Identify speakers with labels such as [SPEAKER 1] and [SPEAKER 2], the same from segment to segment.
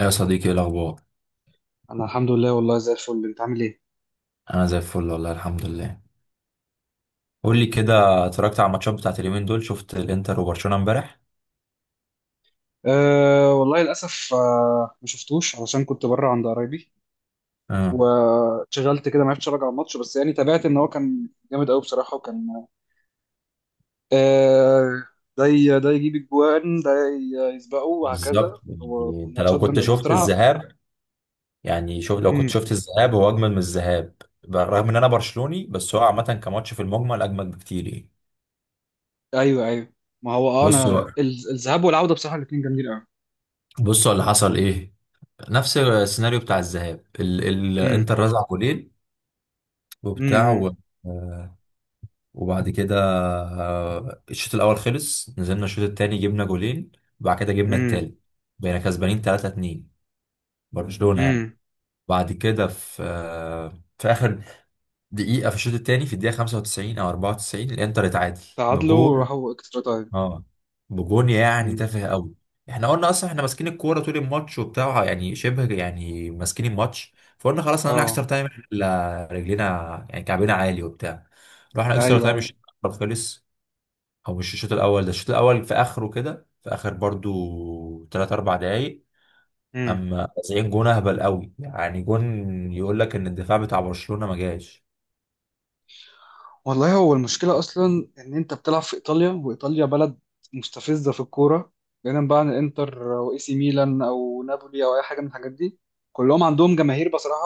[SPEAKER 1] يا صديقي، ايه الاخبار؟
[SPEAKER 2] انا الحمد لله، والله زي الفل. انت عامل ايه؟
[SPEAKER 1] انا زي الفل والله، الحمد لله. قول لي كده، اتفرجت على الماتشات بتاعت اليومين دول؟ شفت الانتر وبرشلونه امبارح؟
[SPEAKER 2] أه، والله للاسف. ما شفتوش علشان كنت بره عند قرايبي.
[SPEAKER 1] امم
[SPEAKER 2] وشغلت كده ما عرفتش اراجع الماتش، بس يعني تابعت ان هو كان جامد قوي بصراحه. وكان أه ده يجيب الجوان، يسبقه، وهكذا.
[SPEAKER 1] بالظبط.
[SPEAKER 2] هو
[SPEAKER 1] يعني انت لو
[SPEAKER 2] ماتشات
[SPEAKER 1] كنت
[SPEAKER 2] جامده
[SPEAKER 1] شفت
[SPEAKER 2] بصراحه.
[SPEAKER 1] الذهاب، يعني شوف، لو كنت
[SPEAKER 2] امم.
[SPEAKER 1] شفت الذهاب هو اجمل من الذهاب. بالرغم ان انا برشلوني، بس هو عامه كماتش في المجمل اجمل بكتير يعني.
[SPEAKER 2] ايوه، ايوه. ما هو، انا...
[SPEAKER 1] بص بقى،
[SPEAKER 2] الذهاب والعوده بصراحه الاثنين جامدين قوي.
[SPEAKER 1] بص، هو اللي حصل ايه؟ نفس السيناريو بتاع الذهاب.
[SPEAKER 2] امم.
[SPEAKER 1] الانتر رزع جولين وبتاع و...
[SPEAKER 2] امم.
[SPEAKER 1] وبعد كده الشوط الاول خلص، نزلنا الشوط التاني جبنا جولين، وبعد كده جبنا
[SPEAKER 2] امم.
[SPEAKER 1] التالت. بقينا كسبانين 3-2، برشلونة يعني.
[SPEAKER 2] امم.
[SPEAKER 1] بعد كده في في اخر دقيقة في الشوط التاني، في الدقيقة 95 او 94 الانتر اتعادل
[SPEAKER 2] تعادلوا
[SPEAKER 1] بجول.
[SPEAKER 2] وراحوا اكسترا تايم.
[SPEAKER 1] اه بجول يعني
[SPEAKER 2] امم.
[SPEAKER 1] تافه قوي. احنا قلنا اصلا احنا ماسكين الكورة طول الماتش وبتاع، يعني شبه، يعني ماسكين الماتش، فقلنا خلاص هنعمل اكسترا
[SPEAKER 2] اه.
[SPEAKER 1] تايم، إحنا رجلينا يعني كعبنا عالي وبتاع. رحنا اكسترا تايم،
[SPEAKER 2] ايوه،
[SPEAKER 1] الشوط الأول خلص. هو مش الشوط الاول ده، الشوط الاول في اخره كده، في اخر برضو 3 4 دقايق،
[SPEAKER 2] ايوه.
[SPEAKER 1] اما 90 جون اهبل قوي يعني، جون يقول لك ان الدفاع بتاع برشلونة ما جاش.
[SPEAKER 2] والله، هو المشكلة أصلا إن أنت بتلعب في إيطاليا، وإيطاليا بلد مستفزة في الكورة. بعيدا بقى عن الإنتر وإي سي ميلان أو نابولي أو أي حاجة من الحاجات دي، كلهم عندهم جماهير بصراحة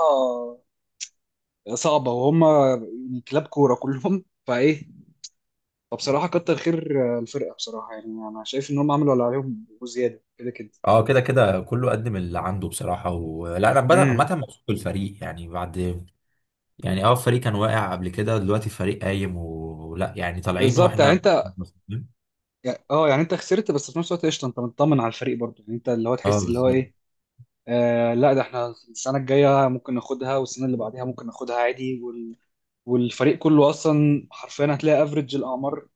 [SPEAKER 2] صعبة. وهم يعني كلاب كورة كلهم فإيه، فبصراحة كتر خير الفرقة بصراحة، يعني أنا شايف إن هم عملوا اللي عليهم وزيادة كده كده.
[SPEAKER 1] اه، كده كده كله قدم اللي عنده بصراحة، ولا انا بدأ
[SPEAKER 2] امم.
[SPEAKER 1] عامة مبسوط بالفريق يعني بعد. يعني اه، الفريق كان واقع قبل كده، دلوقتي الفريق قايم، ولا يعني طالعين
[SPEAKER 2] بالظبط يعني
[SPEAKER 1] واحنا.
[SPEAKER 2] أنت... أه، يعني أنت خسرت، بس في نفس الوقت قشطة، أنت مطمن على الفريق برضه، يعني أنت اللي هو
[SPEAKER 1] اه
[SPEAKER 2] تحس اللي هو
[SPEAKER 1] بالظبط.
[SPEAKER 2] إيه. آه لا، ده احنا السنة الجاية ممكن ناخدها، والسنة اللي بعدها ممكن ناخدها عادي. والفريق كله أصلا حرفيا هتلاقي افريج الأعمار.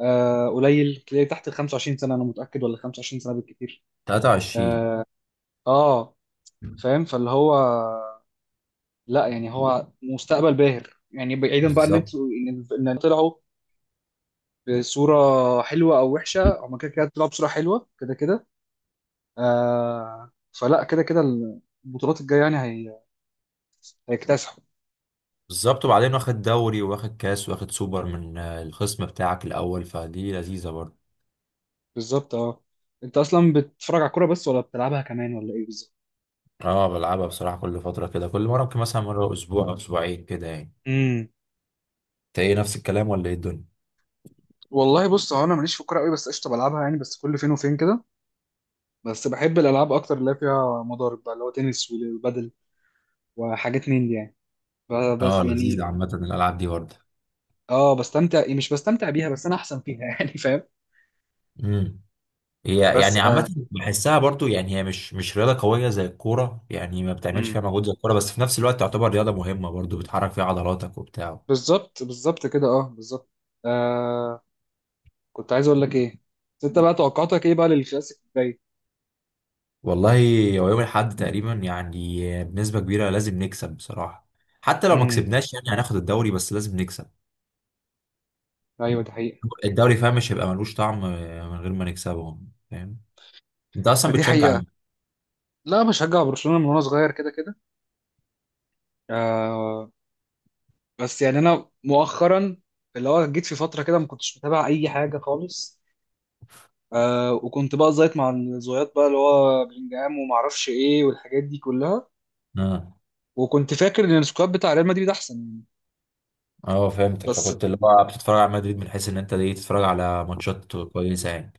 [SPEAKER 2] قليل تلاقي تحت ال 25 سنة، أنا متأكد، ولا 25 سنة بالكتير.
[SPEAKER 1] 23.
[SPEAKER 2] اه. آه، فاهم. فاللي هو لا، يعني هو مستقبل باهر، يعني بعيدا بقى ان
[SPEAKER 1] بالظبط
[SPEAKER 2] انتوا إن طلعوا بصورة حلوة او وحشة، هما كده كده طلعوا بصورة حلوة كده كده. فلا، كده كده. البطولات الجاية يعني هيكتسحوا.
[SPEAKER 1] بالظبط. وبعدين واخد دوري واخد كاس واخد سوبر من الخصم بتاعك الاول، فدي لذيذة برضه.
[SPEAKER 2] بالظبط. اه انت اصلا بتتفرج على الكوره بس، ولا بتلعبها كمان، ولا ايه بالظبط؟
[SPEAKER 1] اه، بلعبها بصراحة كل فترة كده، كل مرة ممكن مثلا مرة اسبوع او اسبوعين كده يعني.
[SPEAKER 2] امم.
[SPEAKER 1] انت ايه نفس الكلام ولا ايه الدنيا؟
[SPEAKER 2] والله بص، هو انا ماليش في الكوره قوي، بس قشطه بلعبها يعني، بس كل فين وفين كده. بس بحب الالعاب اكتر اللي هي فيها مضارب بقى، اللي هو تنس وبادل وحاجات من دي يعني، بس
[SPEAKER 1] اه لذيذة
[SPEAKER 2] يعني.
[SPEAKER 1] عامة الالعاب دي برضه.
[SPEAKER 2] اه، بستمتع، يعني مش بستمتع بيها بس انا احسن فيها يعني فاهم.
[SPEAKER 1] امم. هي يعني
[SPEAKER 2] بس آه
[SPEAKER 1] عامة بحسها برضه، يعني هي مش رياضة قوية زي الكورة، يعني ما بتعملش
[SPEAKER 2] امم.
[SPEAKER 1] فيها مجهود زي الكورة، بس في نفس الوقت تعتبر رياضة مهمة برضه، بتحرك فيها عضلاتك وبتاع.
[SPEAKER 2] بالظبط، بالظبط كده. اه، بالظبط. آه كنت عايز اقول لك ايه. بس انت بقى، توقعاتك ايه بقى للكلاسيك الجاي؟
[SPEAKER 1] والله، هو يوم الأحد تقريبا، يعني بنسبة كبيرة لازم نكسب بصراحة، حتى لو ما
[SPEAKER 2] امم.
[SPEAKER 1] كسبناش يعني هناخد الدوري، بس لازم نكسب
[SPEAKER 2] ايوه، دي حقيقة.
[SPEAKER 1] الدوري. فاهم؟ مش هيبقى ملوش طعم من غير ما نكسبه. فاهم؟ انت اصلا
[SPEAKER 2] فدي
[SPEAKER 1] بتشجع؟
[SPEAKER 2] حقيقة. لا، بشجع برشلونة من وانا صغير كده كده. آه بس يعني انا مؤخرا، اللي هو جيت في فترة كده ما كنتش متابع اي حاجة خالص. وكنت بقى زيط مع الزويات بقى، اللي هو بلينجهام وما اعرفش ايه والحاجات دي كلها.
[SPEAKER 1] اه
[SPEAKER 2] وكنت فاكر ان السكواد بتاع ريال مدريد احسن يعني.
[SPEAKER 1] اه، فهمتك،
[SPEAKER 2] بس
[SPEAKER 1] فكنت اللي هو بتتفرج على مدريد من حيث ان انت ليه تتفرج على ماتشات كويسه يعني.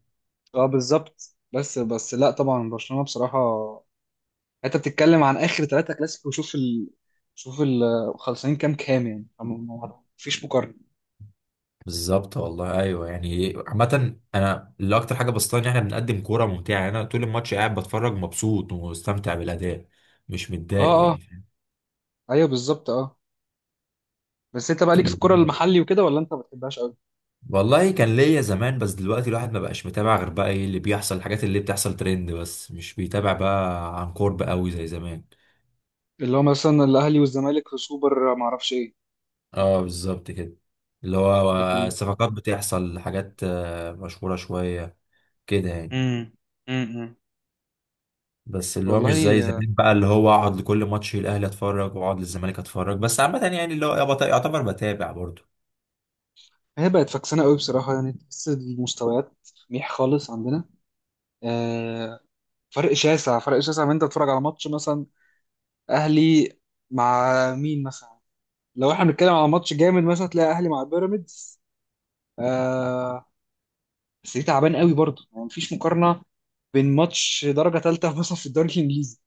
[SPEAKER 2] اه بالظبط. بس لا، طبعا برشلونة بصراحة. انت بتتكلم عن اخر 3 كلاسيكو، شوف ال... خلصانين كام كام يعني. مفيش مقارنة.
[SPEAKER 1] بالظبط والله، ايوه، يعني عامه انا اللي اكتر حاجه بسطاني ان احنا بنقدم كوره ممتعه، يعني انا طول الماتش قاعد بتفرج مبسوط ومستمتع بالاداء، مش
[SPEAKER 2] اه،
[SPEAKER 1] متضايق
[SPEAKER 2] اه،
[SPEAKER 1] يعني. فاهم؟
[SPEAKER 2] ايوه. بالظبط. اه. بس انت بقى
[SPEAKER 1] ف-
[SPEAKER 2] ليك في الكرة المحلي وكده، ولا انت ما بتحبهاش قوي؟
[SPEAKER 1] والله كان ليا زمان، بس دلوقتي الواحد ما بقاش متابع غير بقى ايه اللي بيحصل، الحاجات اللي بتحصل ترند، بس مش بيتابع بقى عن قرب قوي زي زمان.
[SPEAKER 2] اللي هو مثلا الاهلي والزمالك في سوبر، ما اعرفش ايه.
[SPEAKER 1] اه بالظبط كده، اللي هو
[SPEAKER 2] لكن...
[SPEAKER 1] صفقات بتحصل، حاجات مشهورة شوية كده يعني،
[SPEAKER 2] امم. امم.
[SPEAKER 1] بس اللي هو مش
[SPEAKER 2] والله.
[SPEAKER 1] زي زمان بقى، اللي هو اقعد لكل ماتش الاهلي اتفرج واقعد للزمالك اتفرج، بس عامة يعني اللي هو يعتبر بتابع برضو.
[SPEAKER 2] هي بقت فكسانة قوي بصراحة، يعني تحس المستويات ميح خالص عندنا. آه، فرق شاسع، فرق شاسع من انت تتفرج على ماتش مثلا اهلي مع مين مثلا؟ لو احنا بنتكلم على ماتش جامد مثلا، تلاقي اهلي مع بيراميدز. آه، بس دي تعبان قوي برضه، يعني مفيش مقارنة بين ماتش درجة تالتة مثلا في الدوري الانجليزي.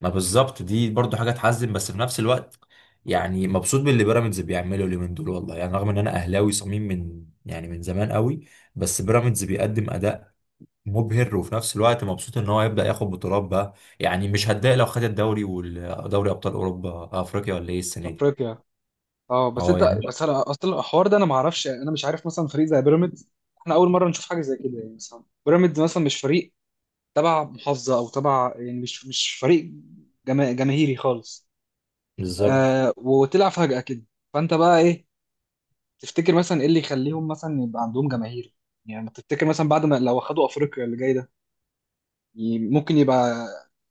[SPEAKER 1] ما بالظبط، دي برضو حاجة تحزن بس في نفس الوقت يعني مبسوط باللي بيراميدز بيعمله اليومين دول والله، يعني رغم ان انا اهلاوي صميم من يعني من زمان قوي، بس بيراميدز بيقدم اداء مبهر، وفي نفس الوقت مبسوط ان هو هيبدأ ياخد بطولات بقى، يعني مش هتضايق لو خد الدوري ودوري ابطال اوروبا، افريقيا ولا ايه السنه دي.
[SPEAKER 2] افريقيا. اه. بس
[SPEAKER 1] اه
[SPEAKER 2] انت
[SPEAKER 1] يعني
[SPEAKER 2] بس انا اصلا الحوار ده انا ما اعرفش، يعني انا مش عارف مثلا فريق زي بيراميدز. احنا اول مره نشوف حاجه زي كده، يعني مثلا بيراميدز مثلا مش فريق تبع محافظه او تبع، يعني مش فريق جماهيري خالص.
[SPEAKER 1] بالظبط.
[SPEAKER 2] وطلع فجاه كده. فانت بقى ايه تفتكر مثلا؟ ايه اللي يخليهم مثلا يبقى عندهم جماهير؟ يعني ما تفتكر مثلا بعد ما لو خدوا افريقيا اللي جاي ده، ممكن يبقى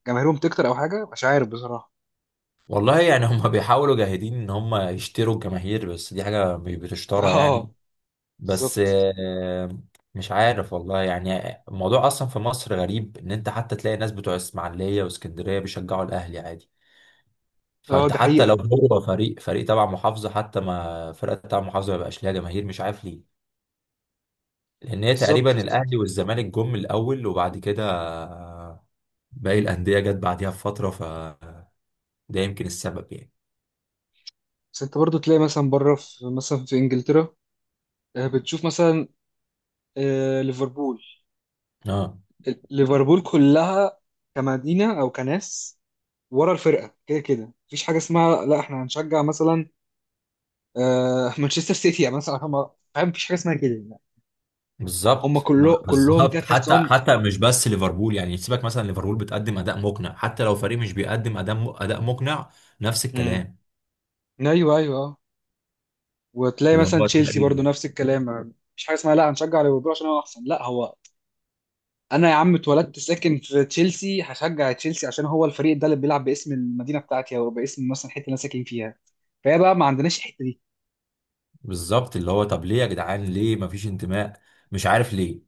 [SPEAKER 2] جماهيرهم تكتر او حاجه، مش عارف بصراحه.
[SPEAKER 1] والله يعني هم بيحاولوا جاهدين ان هم يشتروا الجماهير، بس دي حاجة مش بتشترى يعني.
[SPEAKER 2] اه،
[SPEAKER 1] بس
[SPEAKER 2] بالظبط.
[SPEAKER 1] مش عارف والله. يعني الموضوع اصلا في مصر غريب، ان انت حتى تلاقي ناس بتوع اسماعيلية واسكندرية بيشجعوا الاهلي عادي.
[SPEAKER 2] اه،
[SPEAKER 1] فانت
[SPEAKER 2] دي
[SPEAKER 1] حتى لو
[SPEAKER 2] حقيقه.
[SPEAKER 1] هو فريق تبع محافظة، حتى ما فرقة تبع محافظة ما يبقاش ليها جماهير، مش عارف ليه. لان هي
[SPEAKER 2] بالظبط،
[SPEAKER 1] تقريبا
[SPEAKER 2] بالظبط.
[SPEAKER 1] الاهلي والزمالك جم الاول، وبعد كده باقي الانديه جت بعديها بفتره، فده يمكن السبب يعني.
[SPEAKER 2] بس انت برضو تلاقي مثلا بره، في انجلترا. بتشوف مثلا ليفربول.
[SPEAKER 1] اه
[SPEAKER 2] ليفربول كلها كمدينه او كناس ورا الفرقه كده كده. مفيش حاجه اسمها لا احنا هنشجع مثلا مانشستر سيتي يعني مثلا. هم فاهم، مفيش حاجه اسمها كده يعني. هم
[SPEAKER 1] بالظبط
[SPEAKER 2] كله كلهم كده
[SPEAKER 1] بالظبط، حتى
[SPEAKER 2] تحسهم.
[SPEAKER 1] حتى مش بس ليفربول يعني، سيبك مثلا ليفربول بتقدم اداء مقنع، حتى لو فريق مش بيقدم اداء مقنع، نفس
[SPEAKER 2] امم.
[SPEAKER 1] الكلام.
[SPEAKER 2] ايوه، ايوه، اه. وتلاقي
[SPEAKER 1] اللي
[SPEAKER 2] مثلا
[SPEAKER 1] هو
[SPEAKER 2] تشيلسي برضو
[SPEAKER 1] تلاقي
[SPEAKER 2] نفس الكلام. مفيش حاجه اسمها لا هنشجع ليفربول عشان هو احسن. لا، هو انا يا عم اتولدت ساكن في تشيلسي، هشجع تشيلسي عشان هو الفريق ده اللي بيلعب باسم المدينه بتاعتي او باسم مثلا الحته اللي انا ساكن فيها. فهي بقى ما عندناش الحته دي.
[SPEAKER 1] بالظبط، اللي هو طب ليه يا جدعان؟ ليه ما فيش انتماء؟ مش عارف ليه.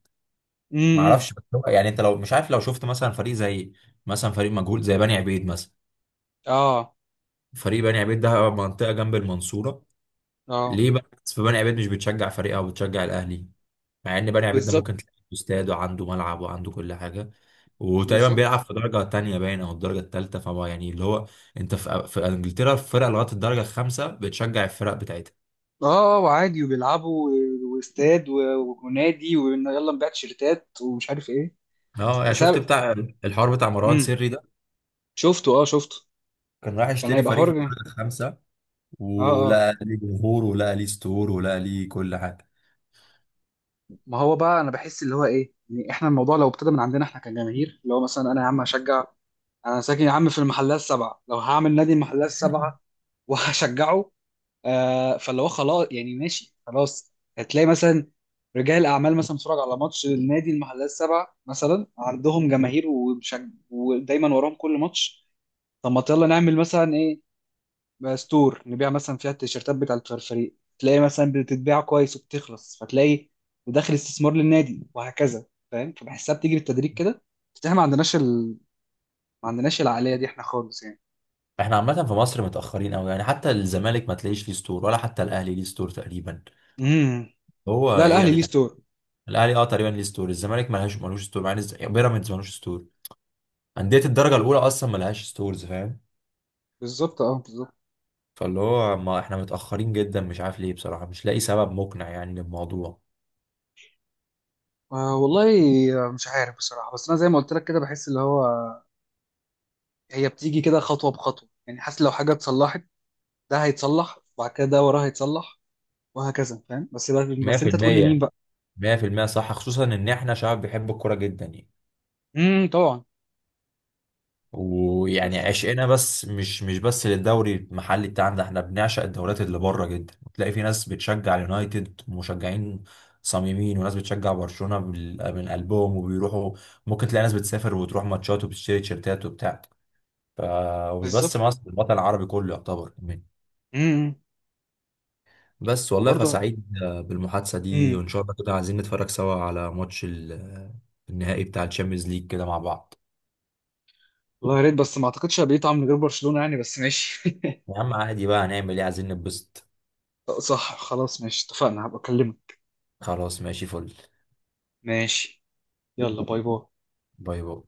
[SPEAKER 1] ما
[SPEAKER 2] امم.
[SPEAKER 1] اعرفش، يعني انت لو مش عارف، لو شفت مثلا فريق زي، مثلا فريق مجهول زي بني عبيد مثلا.
[SPEAKER 2] اه،
[SPEAKER 1] فريق بني عبيد ده منطقة جنب المنصورة.
[SPEAKER 2] اه،
[SPEAKER 1] ليه بقى الناس في بني عبيد مش بتشجع فريقها وبتشجع الأهلي؟ مع إن بني عبيد ده
[SPEAKER 2] بالظبط،
[SPEAKER 1] ممكن تلاقي عنده استاد وعنده ملعب وعنده كل حاجة، وتقريبا بيلعب
[SPEAKER 2] بالظبط،
[SPEAKER 1] في درجة تانية باين أو الدرجة التالتة، فهو يعني اللي هو أنت في إنجلترا الفرق لغاية الدرجة الخامسة بتشجع الفرق بتاعتها.
[SPEAKER 2] اه. وعادي وبيلعبوا واستاد ونادي، ويلا نبيع تيشيرتات ومش عارف ايه.
[SPEAKER 1] اه يعني
[SPEAKER 2] بس
[SPEAKER 1] شفت
[SPEAKER 2] أنا-
[SPEAKER 1] بتاع الحوار بتاع مروان
[SPEAKER 2] امم.
[SPEAKER 1] سري ده؟
[SPEAKER 2] شفته، اه شفته.
[SPEAKER 1] كان رايح
[SPEAKER 2] كان
[SPEAKER 1] يشتري
[SPEAKER 2] هيبقى
[SPEAKER 1] فريق في
[SPEAKER 2] حر.
[SPEAKER 1] الدرجة الخامسة،
[SPEAKER 2] اه، اه.
[SPEAKER 1] ولقى ليه جمهور ولقى ليه ستور ولقى ليه كل حاجة.
[SPEAKER 2] ما هو بقى انا بحس اللي هو ايه، يعني احنا الموضوع لو ابتدى من عندنا احنا كجماهير، اللي هو مثلا انا يا عم هشجع. انا ساكن يا عم في المحلات السبعه، لو هعمل نادي المحلات السبعه وهشجعه. فاللي هو خلاص يعني ماشي. خلاص هتلاقي مثلا رجال اعمال مثلا بتتفرج على ماتش النادي المحلات السبعه مثلا، عندهم جماهير ودايما وراهم كل ماتش. طب ما يلا نعمل مثلا ايه؟ بقى ستور نبيع مثلا فيها التيشيرتات بتاعه الفريق، تلاقي مثلا بتتباع كويس وبتخلص. فتلاقي وداخل استثمار للنادي وهكذا، فاهم. فبحسها بتيجي بالتدريج كده. بس احنا ما عندناش ما عندناش العقليه دي احنا خالص يعني.
[SPEAKER 1] احنا عامة في مصر متأخرين أوي، يعني حتى الزمالك ما تلاقيش ليه ستور، ولا حتى الأهلي ليه ستور تقريبا.
[SPEAKER 2] امم.
[SPEAKER 1] هو
[SPEAKER 2] لا،
[SPEAKER 1] إيه يا
[SPEAKER 2] الاهلي ليه
[SPEAKER 1] جدعان؟
[SPEAKER 2] ستور.
[SPEAKER 1] الأهلي أه تقريبا ليه ستور، الزمالك ملهاش ملوش ستور، مع إن بيراميدز ملوش ستور. أندية الدرجة الأولى أصلا ملهاش ستورز، فاهم؟
[SPEAKER 2] بالظبط، اه، بالظبط.
[SPEAKER 1] فاللي هو ما احنا متأخرين جدا، مش عارف ليه بصراحة، مش لاقي سبب مقنع يعني للموضوع.
[SPEAKER 2] والله. مش عارف بصراحه، بس انا زي ما قلت لك كده بحس اللي هو هي بتيجي كده خطوه بخطوه، يعني حاسس لو حاجه اتصلحت، ده هيتصلح، وبعد كده ده وراه هيتصلح، وهكذا فاهم. بس بقى، بس انت تقول لي مين
[SPEAKER 1] 100%
[SPEAKER 2] بقى.
[SPEAKER 1] 100% صح، خصوصا إن احنا شعب بيحب الكورة جدا يعني،
[SPEAKER 2] امم. طبعا.
[SPEAKER 1] ويعني
[SPEAKER 2] بس.
[SPEAKER 1] عشقنا بس مش بس للدوري المحلي بتاعنا، ده احنا بنعشق الدوريات اللي بره جدا، وتلاقي في ناس بتشجع اليونايتد مشجعين صميمين، وناس بتشجع برشلونة من قلبهم وبيروحوا. ممكن تلاقي ناس بتسافر وتروح ماتشات وبتشتري تيشيرتات وبتاع. ف... ومش
[SPEAKER 2] بالظبط.
[SPEAKER 1] بس مصر، الوطن العربي كله يعتبر كمان.
[SPEAKER 2] امم.
[SPEAKER 1] بس والله
[SPEAKER 2] وبرضه.
[SPEAKER 1] فسعيد بالمحادثة دي،
[SPEAKER 2] امم.
[SPEAKER 1] وإن شاء الله كده عايزين نتفرج سوا على ماتش النهائي بتاع الشامبيونز ليج كده مع بعض.
[SPEAKER 2] والله يا ريت، بس ما اعتقدش هبقى طعم من غير برشلونه يعني، بس ماشي.
[SPEAKER 1] يا عم عادي بقى، هنعمل ايه، عايزين نتبسط.
[SPEAKER 2] صح. خلاص، ماشي، اتفقنا. هبقى اكلمك.
[SPEAKER 1] خلاص ماشي، فل.
[SPEAKER 2] ماشي. يلا، باي باي.
[SPEAKER 1] باي باي.